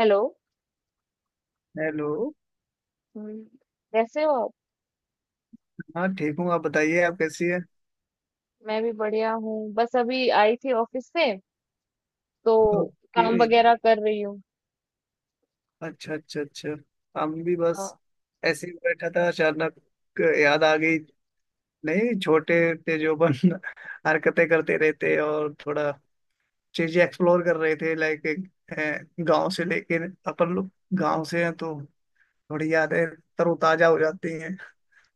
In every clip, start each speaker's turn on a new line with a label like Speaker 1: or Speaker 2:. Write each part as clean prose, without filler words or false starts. Speaker 1: Hello.
Speaker 2: Hello.
Speaker 1: हम्म, कैसे हो आप?
Speaker 2: हाँ ठीक हूँ। आप बताइए आप कैसी है।
Speaker 1: मैं भी बढ़िया हूँ। बस अभी आई थी ऑफिस से तो काम
Speaker 2: ओके।
Speaker 1: वगैरह कर रही हूँ।
Speaker 2: अच्छा, अच्छा, अच्छा। हम भी
Speaker 1: हाँ।
Speaker 2: बस ऐसे ही बैठा था, अचानक याद आ गई। नहीं, छोटे थे जो अपन हरकतें करते रहते, और थोड़ा चीजें एक्सप्लोर कर रहे थे लाइक गांव से। लेकिन अपन लोग गांव से हैं तो थोड़ी यादें तरोताजा हो जाती हैं।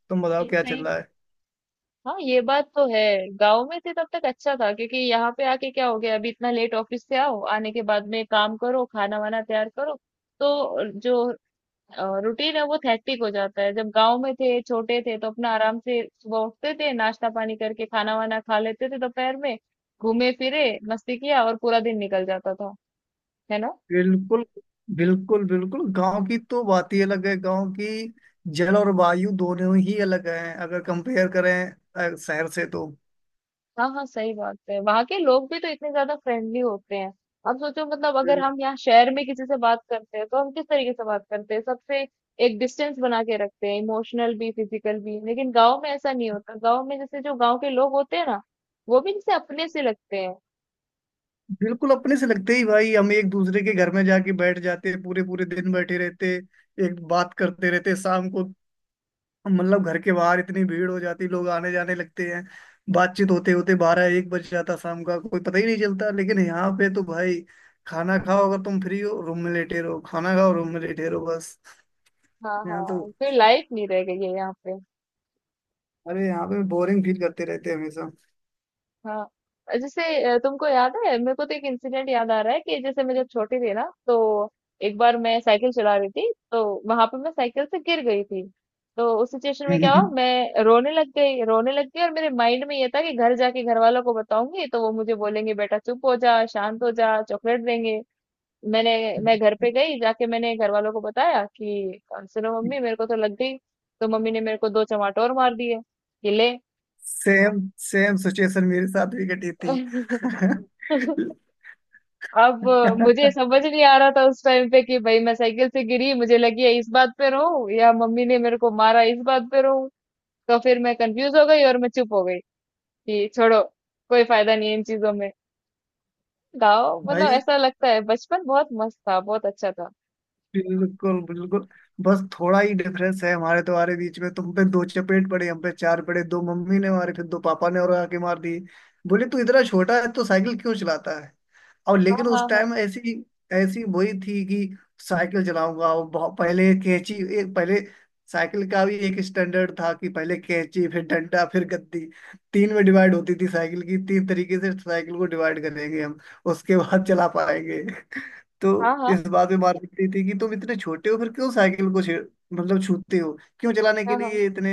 Speaker 2: तुम बताओ
Speaker 1: नहीं,
Speaker 2: क्या चल
Speaker 1: सही।
Speaker 2: रहा है।
Speaker 1: हाँ, ये बात तो है। गांव में थे तब तक अच्छा था, क्योंकि यहाँ पे आके क्या हो गया, अभी इतना लेट ऑफिस से आओ, आने के बाद में काम करो, खाना वाना तैयार करो, तो जो रूटीन है वो थैक्टिक हो जाता है। जब गांव में थे छोटे थे, तो अपना आराम से सुबह उठते थे, नाश्ता पानी करके खाना वाना खा लेते थे, दोपहर में घूमे फिरे मस्ती किया, और पूरा दिन निकल जाता था। है ना।
Speaker 2: बिल्कुल, बिल्कुल, बिल्कुल। गांव की तो बात ही अलग है। गांव की जल और वायु दोनों ही अलग हैं अगर कंपेयर करें शहर से तो।
Speaker 1: हाँ, हाँ, सही बात है। वहाँ के लोग भी तो इतने ज्यादा फ्रेंडली होते हैं। अब सोचो, मतलब अगर
Speaker 2: बिल-
Speaker 1: हम यहाँ शहर में किसी से बात करते हैं तो हम किस तरीके से बात करते हैं, सबसे एक डिस्टेंस बना के रखते हैं, इमोशनल भी फिजिकल भी। लेकिन गांव में ऐसा नहीं होता। गांव में जैसे जो गांव के लोग होते हैं ना, वो भी जैसे अपने से लगते हैं।
Speaker 2: बिल्कुल अपने से लगते ही, भाई। हम एक दूसरे के घर में जाके बैठ जाते, पूरे पूरे दिन बैठे रहते, एक बात करते रहते। शाम को, मतलब घर के बाहर इतनी भीड़ हो जाती, लोग आने जाने लगते हैं। बातचीत होते होते बारह एक बज जाता, शाम का कोई पता ही नहीं चलता। लेकिन यहाँ पे तो भाई, खाना खाओ अगर तुम फ्री हो रूम में लेटे रहो, खाना खाओ रूम में लेटे रहो बस।
Speaker 1: हाँ,
Speaker 2: यहाँ तो,
Speaker 1: हाँ, कोई लाइफ नहीं रह गई है यहाँ पे।
Speaker 2: अरे यहाँ पे बोरिंग फील करते रहते हैं हमेशा।
Speaker 1: हाँ, जैसे तुमको याद है, मेरे को तो एक इंसिडेंट याद आ रहा है कि जैसे मैं जब छोटी थी ना, तो एक बार मैं साइकिल चला रही थी, तो वहां पे मैं साइकिल से गिर गई थी। तो उस सिचुएशन में क्या
Speaker 2: हम्म।
Speaker 1: हुआ, मैं रोने लग गई, रोने लग गई, और मेरे माइंड में ये था कि घर जाके घर वालों को बताऊंगी तो वो मुझे बोलेंगे बेटा चुप हो जा, शांत हो जा, चॉकलेट देंगे। मैंने मैं घर पे गई, जाके मैंने घर वालों को बताया कि सुनो मम्मी, मेरे को तो लग गई, तो मम्मी ने मेरे को दो चमाटोर मार दिए, कि ले।
Speaker 2: सेम सेम सिचुएशन मेरे साथ भी घटी थी।
Speaker 1: अब मुझे समझ नहीं आ रहा था उस टाइम पे कि भाई, मैं साइकिल से गिरी, मुझे लगी है, इस बात पे रो, या मम्मी ने मेरे को मारा, इस बात पे रो। तो फिर मैं कंफ्यूज हो गई और मैं चुप हो गई कि छोड़ो, कोई फायदा नहीं है इन चीजों में। गाओ, मतलब
Speaker 2: भाई,
Speaker 1: ऐसा लगता है बचपन बहुत मस्त था, बहुत अच्छा था।
Speaker 2: बिल्कुल, बिल्कुल। बस थोड़ा ही डिफरेंस है हमारे तुम्हारे बीच में। तुम पे दो चपेट पड़े, हम पे चार पड़े। दो मम्मी ने मारे, फिर दो पापा ने और आके मार दिए। बोले तू इतना छोटा है तो साइकिल क्यों चलाता है। और
Speaker 1: हाँ,
Speaker 2: लेकिन
Speaker 1: हाँ,
Speaker 2: उस
Speaker 1: हाँ,
Speaker 2: टाइम ऐसी ऐसी वही थी कि साइकिल चलाऊंगा। और बहुत पहले कैंची, एक पहले, साइकिल का भी एक स्टैंडर्ड था कि पहले कैंची, फिर डंडा, फिर गद्दी। तीन में डिवाइड होती थी साइकिल की। तीन तरीके से साइकिल को डिवाइड करेंगे हम, उसके बाद चला पाएंगे। तो
Speaker 1: हाँ,
Speaker 2: इस बात में मार पड़ती थी कि तुम इतने छोटे हो फिर क्यों साइकिल को छेड़, मतलब छूते हो, क्यों चलाने के
Speaker 1: हाँ, हाँ, हाँ।
Speaker 2: लिए इतने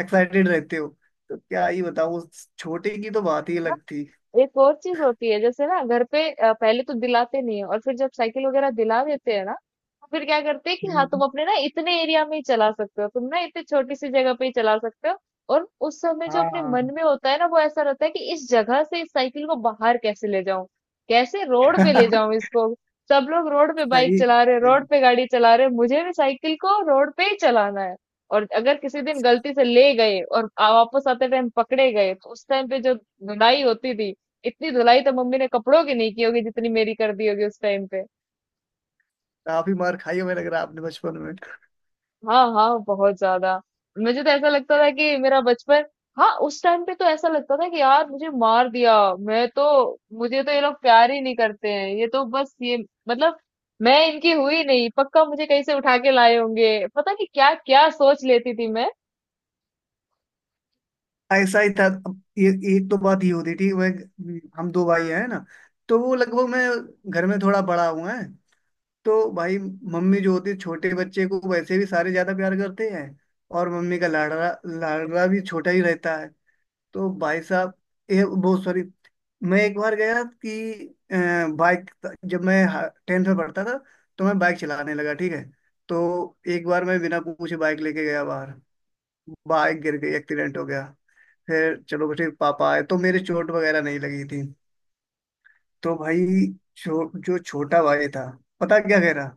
Speaker 2: एक्साइटेड रहते हो। तो क्या ही बताऊं, उस छोटे की तो बात ही अलग थी।
Speaker 1: एक और चीज होती है, जैसे ना घर पे पहले तो दिलाते नहीं है, और फिर जब साइकिल वगैरह दिला देते हैं ना, तो फिर क्या करते हैं कि हाँ तुम
Speaker 2: हम्म।
Speaker 1: अपने ना इतने एरिया में ही चला सकते हो, तुम ना इतनी छोटी सी जगह पे ही चला सकते हो। और उस समय जो अपने मन
Speaker 2: हाँ।
Speaker 1: में होता है ना, वो ऐसा रहता है कि इस जगह से इस साइकिल को बाहर कैसे ले जाऊं, कैसे रोड पे ले
Speaker 2: हाँ।
Speaker 1: जाऊं इसको। सब लोग रोड पे बाइक
Speaker 2: सही,
Speaker 1: चला रहे, रोड
Speaker 2: सही।
Speaker 1: पे गाड़ी चला रहे, मुझे भी साइकिल को रोड पे ही चलाना है। और अगर किसी दिन गलती से ले गए और वापस आते टाइम पकड़े गए, तो उस टाइम पे जो धुनाई होती थी, इतनी धुलाई तो मम्मी ने कपड़ों की नहीं की होगी जितनी मेरी कर दी होगी उस टाइम पे।
Speaker 2: काफी मार खाई है मुझे लग रहा है आपने बचपन में।
Speaker 1: हाँ, हाँ, बहुत ज्यादा। मुझे तो ऐसा लगता था कि मेरा बचपन, हाँ, उस टाइम पे तो ऐसा लगता था कि यार मुझे मार दिया। मैं तो, मुझे तो ये लोग प्यार ही नहीं करते हैं, ये तो बस ये, मतलब मैं इनकी हुई नहीं, पक्का मुझे कहीं से उठा के लाए होंगे। पता नहीं क्या क्या सोच लेती थी मैं।
Speaker 2: ऐसा ही था। अब ये, एक तो बात ये होती थी, वह हम दो भाई हैं ना, तो वो, लगभग मैं घर में थोड़ा बड़ा हुआ है। तो भाई, मम्मी जो होती है छोटे बच्चे को वैसे भी सारे ज्यादा प्यार करते हैं। और मम्मी का लाडला, लाडला भी छोटा ही रहता है। तो भाई साहब, ये बहुत, सॉरी, मैं एक बार गया कि अ, बाइक, जब मैं टेंथ में पढ़ता था तो मैं बाइक चलाने लगा, ठीक है। तो एक बार मैं बिना पूछे बाइक लेके गया बाहर। बाइक गिर गई, एक्सीडेंट हो गया। फिर चलो ठीक, पापा आए तो मेरे चोट वगैरह नहीं लगी थी। तो भाई, जो छोटा भाई था, पता क्या कह रहा,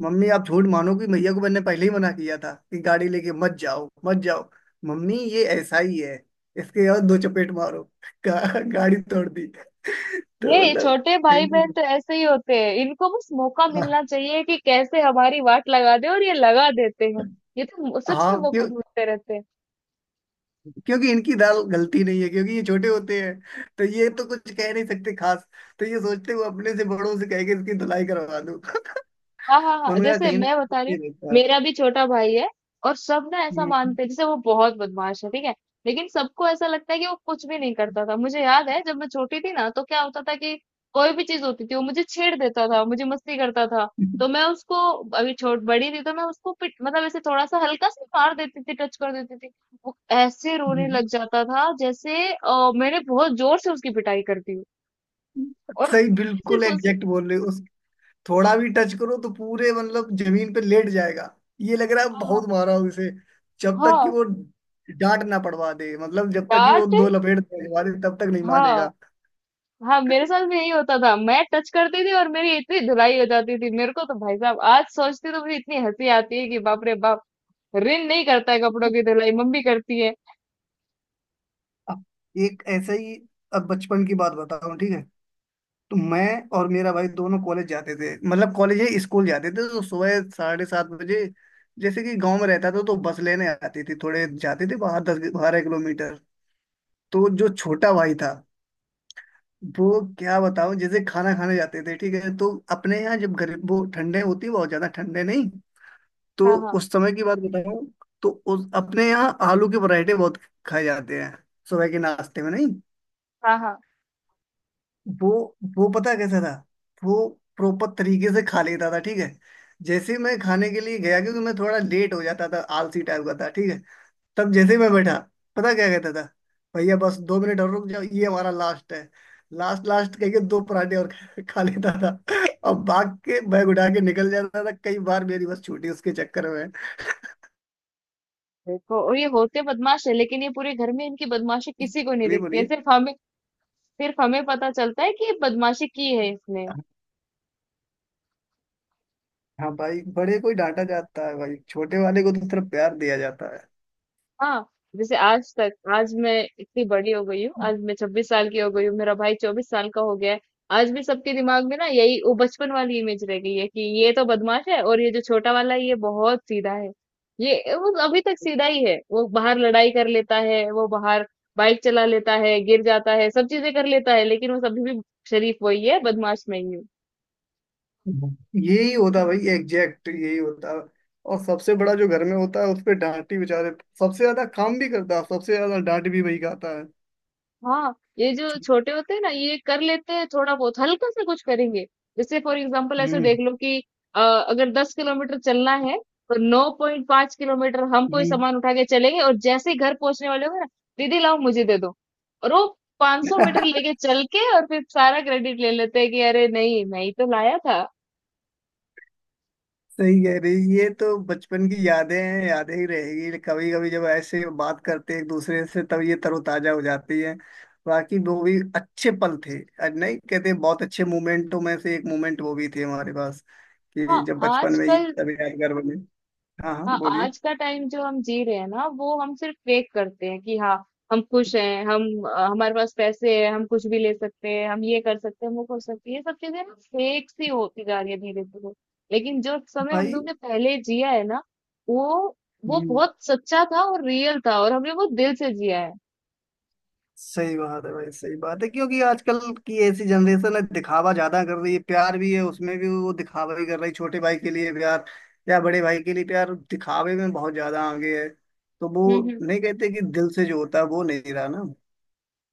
Speaker 2: मम्मी आप झूठ मानोगी, भैया को मैंने पहले ही मना किया था कि गाड़ी लेके मत जाओ, मत जाओ। मम्मी, ये ऐसा ही है, इसके और दो चपेट मारो। गाड़ी तोड़ दी। तो
Speaker 1: ये
Speaker 2: मतलब।
Speaker 1: छोटे भाई बहन
Speaker 2: कहीं-
Speaker 1: तो ऐसे ही होते हैं, इनको बस मौका
Speaker 2: हाँ।
Speaker 1: मिलना चाहिए कि कैसे हमारी वाट लगा दे, और ये लगा देते हैं। ये तो सच में
Speaker 2: हाँ,
Speaker 1: मौका
Speaker 2: क्यों।
Speaker 1: ढूंढते रहते हैं।
Speaker 2: क्योंकि इनकी दाल गलती नहीं है, क्योंकि ये छोटे होते हैं तो ये तो कुछ कह नहीं सकते खास। तो ये सोचते हुए अपने से बड़ों से कह के इसकी धुलाई करवा दूं।
Speaker 1: हाँ, हाँ, हाँ,
Speaker 2: उनका
Speaker 1: जैसे
Speaker 2: कहीं ना
Speaker 1: मैं बता रही
Speaker 2: कहीं
Speaker 1: हूँ,
Speaker 2: ये रहता है।
Speaker 1: मेरा भी छोटा भाई है, और सब ना ऐसा
Speaker 2: हम्म।
Speaker 1: मानते हैं जैसे वो बहुत बदमाश है, ठीक है। लेकिन सबको ऐसा लगता है कि वो कुछ भी नहीं करता था। मुझे याद है जब मैं छोटी थी ना, तो क्या होता था कि कोई भी चीज होती थी, वो मुझे छेड़ देता था, मुझे मस्ती करता था। तो मैं उसको, अभी छोट बड़ी थी तो मैं उसको पिट, मतलब ऐसे थोड़ा सा हल्का सा मार देती थी, टच कर देती थी। वो ऐसे रोने
Speaker 2: हम्म।
Speaker 1: लग जाता था, जैसे मैंने बहुत जोर से उसकी पिटाई कर दी हो। और
Speaker 2: सही,
Speaker 1: मैंने
Speaker 2: बिल्कुल
Speaker 1: सिर्फ उस,
Speaker 2: एग्जैक्ट बोल रहे हो। उस, थोड़ा भी टच करो तो पूरे मतलब जमीन पे लेट जाएगा। ये लग रहा है
Speaker 1: हाँ,
Speaker 2: बहुत मारा हूं इसे। जब तक कि
Speaker 1: हाँ,
Speaker 2: वो डांट ना पड़वा दे, मतलब जब तक कि वो
Speaker 1: डांट।
Speaker 2: दो लपेट लगवा दे तब तक नहीं
Speaker 1: हाँ,
Speaker 2: मानेगा।
Speaker 1: हाँ, मेरे साथ भी यही होता था, मैं टच करती थी और मेरी इतनी धुलाई हो जाती थी। मेरे को तो भाई साहब, आज सोचती तो मुझे इतनी हंसी आती है कि बाप रे बाप। रिन नहीं करता है कपड़ों की धुलाई, मम्मी करती है।
Speaker 2: अब एक ऐसा ही, अब बचपन की बात बताऊं ठीक है। तो मैं और मेरा भाई दोनों कॉलेज जाते थे, मतलब कॉलेज ही स्कूल जाते थे, तो सुबह 7:30 बजे। जैसे कि गांव में रहता था तो बस लेने आती थी, थोड़े जाते थे बाहर 10-12 किलोमीटर। तो जो छोटा भाई था, वो क्या बताऊं, जैसे खाना खाने जाते थे ठीक है। तो अपने यहाँ जब गरीब, वो ठंडे होती है, बहुत ज्यादा ठंडे नहीं। तो
Speaker 1: हाँ, हाँ,
Speaker 2: उस समय की बात बताऊं, तो उस, अपने यहाँ आलू के पराठे बहुत खाए जाते हैं सुबह के नाश्ते में, नहीं।
Speaker 1: हाँ, हाँ,
Speaker 2: वो वो पता है कैसा था, वो प्रॉपर तरीके से खा लेता था, ठीक है। जैसे ही मैं खाने के लिए गया, क्योंकि मैं थोड़ा लेट हो जाता था, आलसी टाइप का था ठीक है। तब जैसे ही मैं बैठा, पता क्या कहता था, भैया बस 2 मिनट और रुक जाओ, ये हमारा लास्ट है। लास्ट लास्ट कह के दो पराठे और खा लेता था। अब भाग के बैग उठा के निकल जाता था, कई बार मेरी बस छूटी उसके चक्कर में।
Speaker 1: देखो और ये होते बदमाश है, लेकिन ये पूरे घर में इनकी बदमाशी किसी को नहीं
Speaker 2: बोलिए,
Speaker 1: दिखती है,
Speaker 2: बोलिए।
Speaker 1: सिर्फ हमें। सिर्फ हमें पता चलता है कि ये बदमाशी की है इसने।
Speaker 2: हाँ भाई, बड़े को ही डांटा जाता है भाई, छोटे वाले को तो सिर्फ प्यार दिया जाता है।
Speaker 1: हाँ, जैसे आज तक, आज मैं इतनी बड़ी हो गई हूँ, आज मैं 26 साल की हो गई हूँ, मेरा भाई 24 साल का हो गया है। आज भी सबके दिमाग में ना यही वो बचपन वाली इमेज रह गई है कि ये तो बदमाश है, और ये जो छोटा वाला है ये बहुत सीधा है। ये वो अभी तक सीधा ही है, वो बाहर लड़ाई कर लेता है, वो बाहर बाइक चला लेता है, गिर जाता है, सब चीजें कर लेता है, लेकिन वो सभी भी शरीफ वही है, बदमाश मैं ही
Speaker 2: यही होता भाई,
Speaker 1: हूँ।
Speaker 2: एग्जैक्ट यही होता। और सबसे बड़ा जो घर में होता है उस पे डांट ही, बेचारे सबसे ज्यादा काम भी करता है, सबसे ज्यादा डांट भी वही खाता है।
Speaker 1: हाँ, ये जो छोटे होते हैं ना, ये कर लेते हैं, थोड़ा बहुत हल्का सा कुछ करेंगे। जैसे फॉर एग्जांपल ऐसे
Speaker 2: हम्म,
Speaker 1: देख लो कि, अगर 10 किलोमीटर चलना है, तो 9.5 किलोमीटर हम कोई
Speaker 2: हम्म।
Speaker 1: सामान उठा के चलेंगे, और जैसे ही घर पहुंचने वाले होंगे ना, दीदी लाओ मुझे दे दो, और वो 500 मीटर लेके चल के, और फिर सारा क्रेडिट ले लेते हैं कि अरे नहीं मैं ही तो लाया था।
Speaker 2: सही कह रही, ये तो बचपन की यादें हैं, यादें ही रहेगी। कभी कभी जब ऐसे बात करते हैं एक दूसरे से, तब ये तरोताजा हो जाती है। बाकी वो भी अच्छे पल थे, और नहीं कहते हैं, बहुत अच्छे मोमेंटों में से एक मोमेंट वो भी थे हमारे पास,
Speaker 1: हाँ,
Speaker 2: कि जब बचपन में ये
Speaker 1: आजकल।
Speaker 2: सब यादगार बने। हाँ, हाँ,
Speaker 1: हाँ,
Speaker 2: बोलिए।
Speaker 1: आज का टाइम जो हम जी रहे हैं ना, वो हम सिर्फ फेक करते हैं कि हाँ हम खुश हैं, हम हमारे पास पैसे हैं, हम कुछ भी ले सकते हैं, हम ये कर सकते हैं, हम वो कर सकते हैं, ये सब चीजें ना फेक सी होती जा रही है धीरे धीरे। लेकिन जो समय हम
Speaker 2: भाई।
Speaker 1: लोग ने पहले जिया है ना, वो वो
Speaker 2: हम्म।
Speaker 1: बहुत सच्चा था और रियल था, और हमने वो दिल से जिया है।
Speaker 2: सही बात है भाई, सही बात है, क्योंकि आजकल की ऐसी जनरेशन है, दिखावा ज्यादा कर रही है, प्यार भी है उसमें, भी वो दिखावा भी कर रही है, छोटे भाई के लिए प्यार या बड़े भाई के लिए प्यार दिखावे में बहुत ज्यादा आगे है, तो वो
Speaker 1: हम्म,
Speaker 2: नहीं कहते कि दिल से जो होता है वो नहीं रहा ना।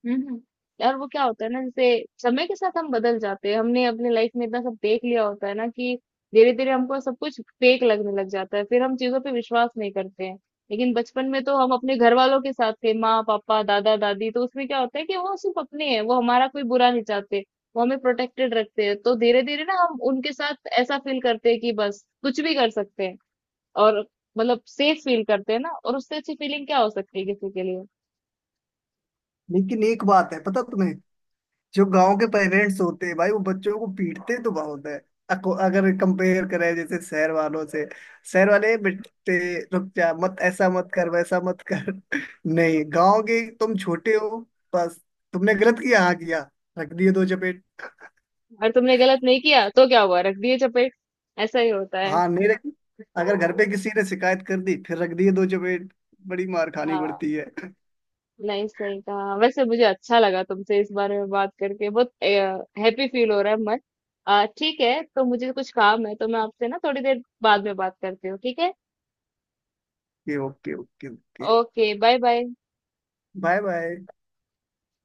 Speaker 1: हुँ। यार वो क्या होता है ना, जैसे समय के साथ हम बदल जाते हैं। हमने अपनी लाइफ में इतना सब देख लिया होता है ना कि धीरे-धीरे हमको सब कुछ फेक लगने लग जाता है। फिर हम चीज़ों पे विश्वास नहीं करते हैं। लेकिन बचपन में तो हम अपने घरवालों के साथ थे, माँ-पापा, दादा-दादी, तो उसमें क्या होता है कि वो सिर्फ़ अपने हैं, वो हमारा कोई बुरा नहीं चाहते। वो हमें प्रोटेक्टेड रखते हैं। तो धीरे-धीरे ना हम उनके साथ ऐसा फ़ील करते हैं कि बस कुछ भी कर सकते हैं, और मतलब सेफ फ़ील करते हैं ना, और उससे अच्छी फ़ीलिंग क्या हो सकती है किसी के लिए?
Speaker 2: लेकिन एक बात है पता तुम्हें, जो गांव के पेरेंट्स होते हैं भाई, वो बच्चों को पीटते तो बहुत है। अगर कंपेयर करें जैसे शहर वालों से। शहर वाले, बेटे रुक जा, मत ऐसा मत कर, वैसा मत कर। नहीं, गांव के, तुम छोटे हो बस, तुमने गलत किया, हाँ किया, रख दिए दो चपेट।
Speaker 1: और तुमने गलत नहीं किया तो क्या हुआ, रख दिए चपेट। ऐसा ही होता है।
Speaker 2: हाँ, नहीं रखी। अगर घर पे किसी ने शिकायत कर दी फिर रख दिए दो चपेट। बड़ी मार खानी
Speaker 1: हाँ,
Speaker 2: पड़ती है।
Speaker 1: नहीं सही कहा, वैसे मुझे अच्छा लगा तुमसे इस बारे में बात करके, बहुत हैप्पी फील हो रहा है मन। ठीक है, तो मुझे कुछ काम है, तो मैं आपसे ना थोड़ी देर बाद में बात करती हूँ, ठीक है।
Speaker 2: Okay, okay. Okay, okay.
Speaker 1: Okay, bye bye.
Speaker 2: Bye, bye.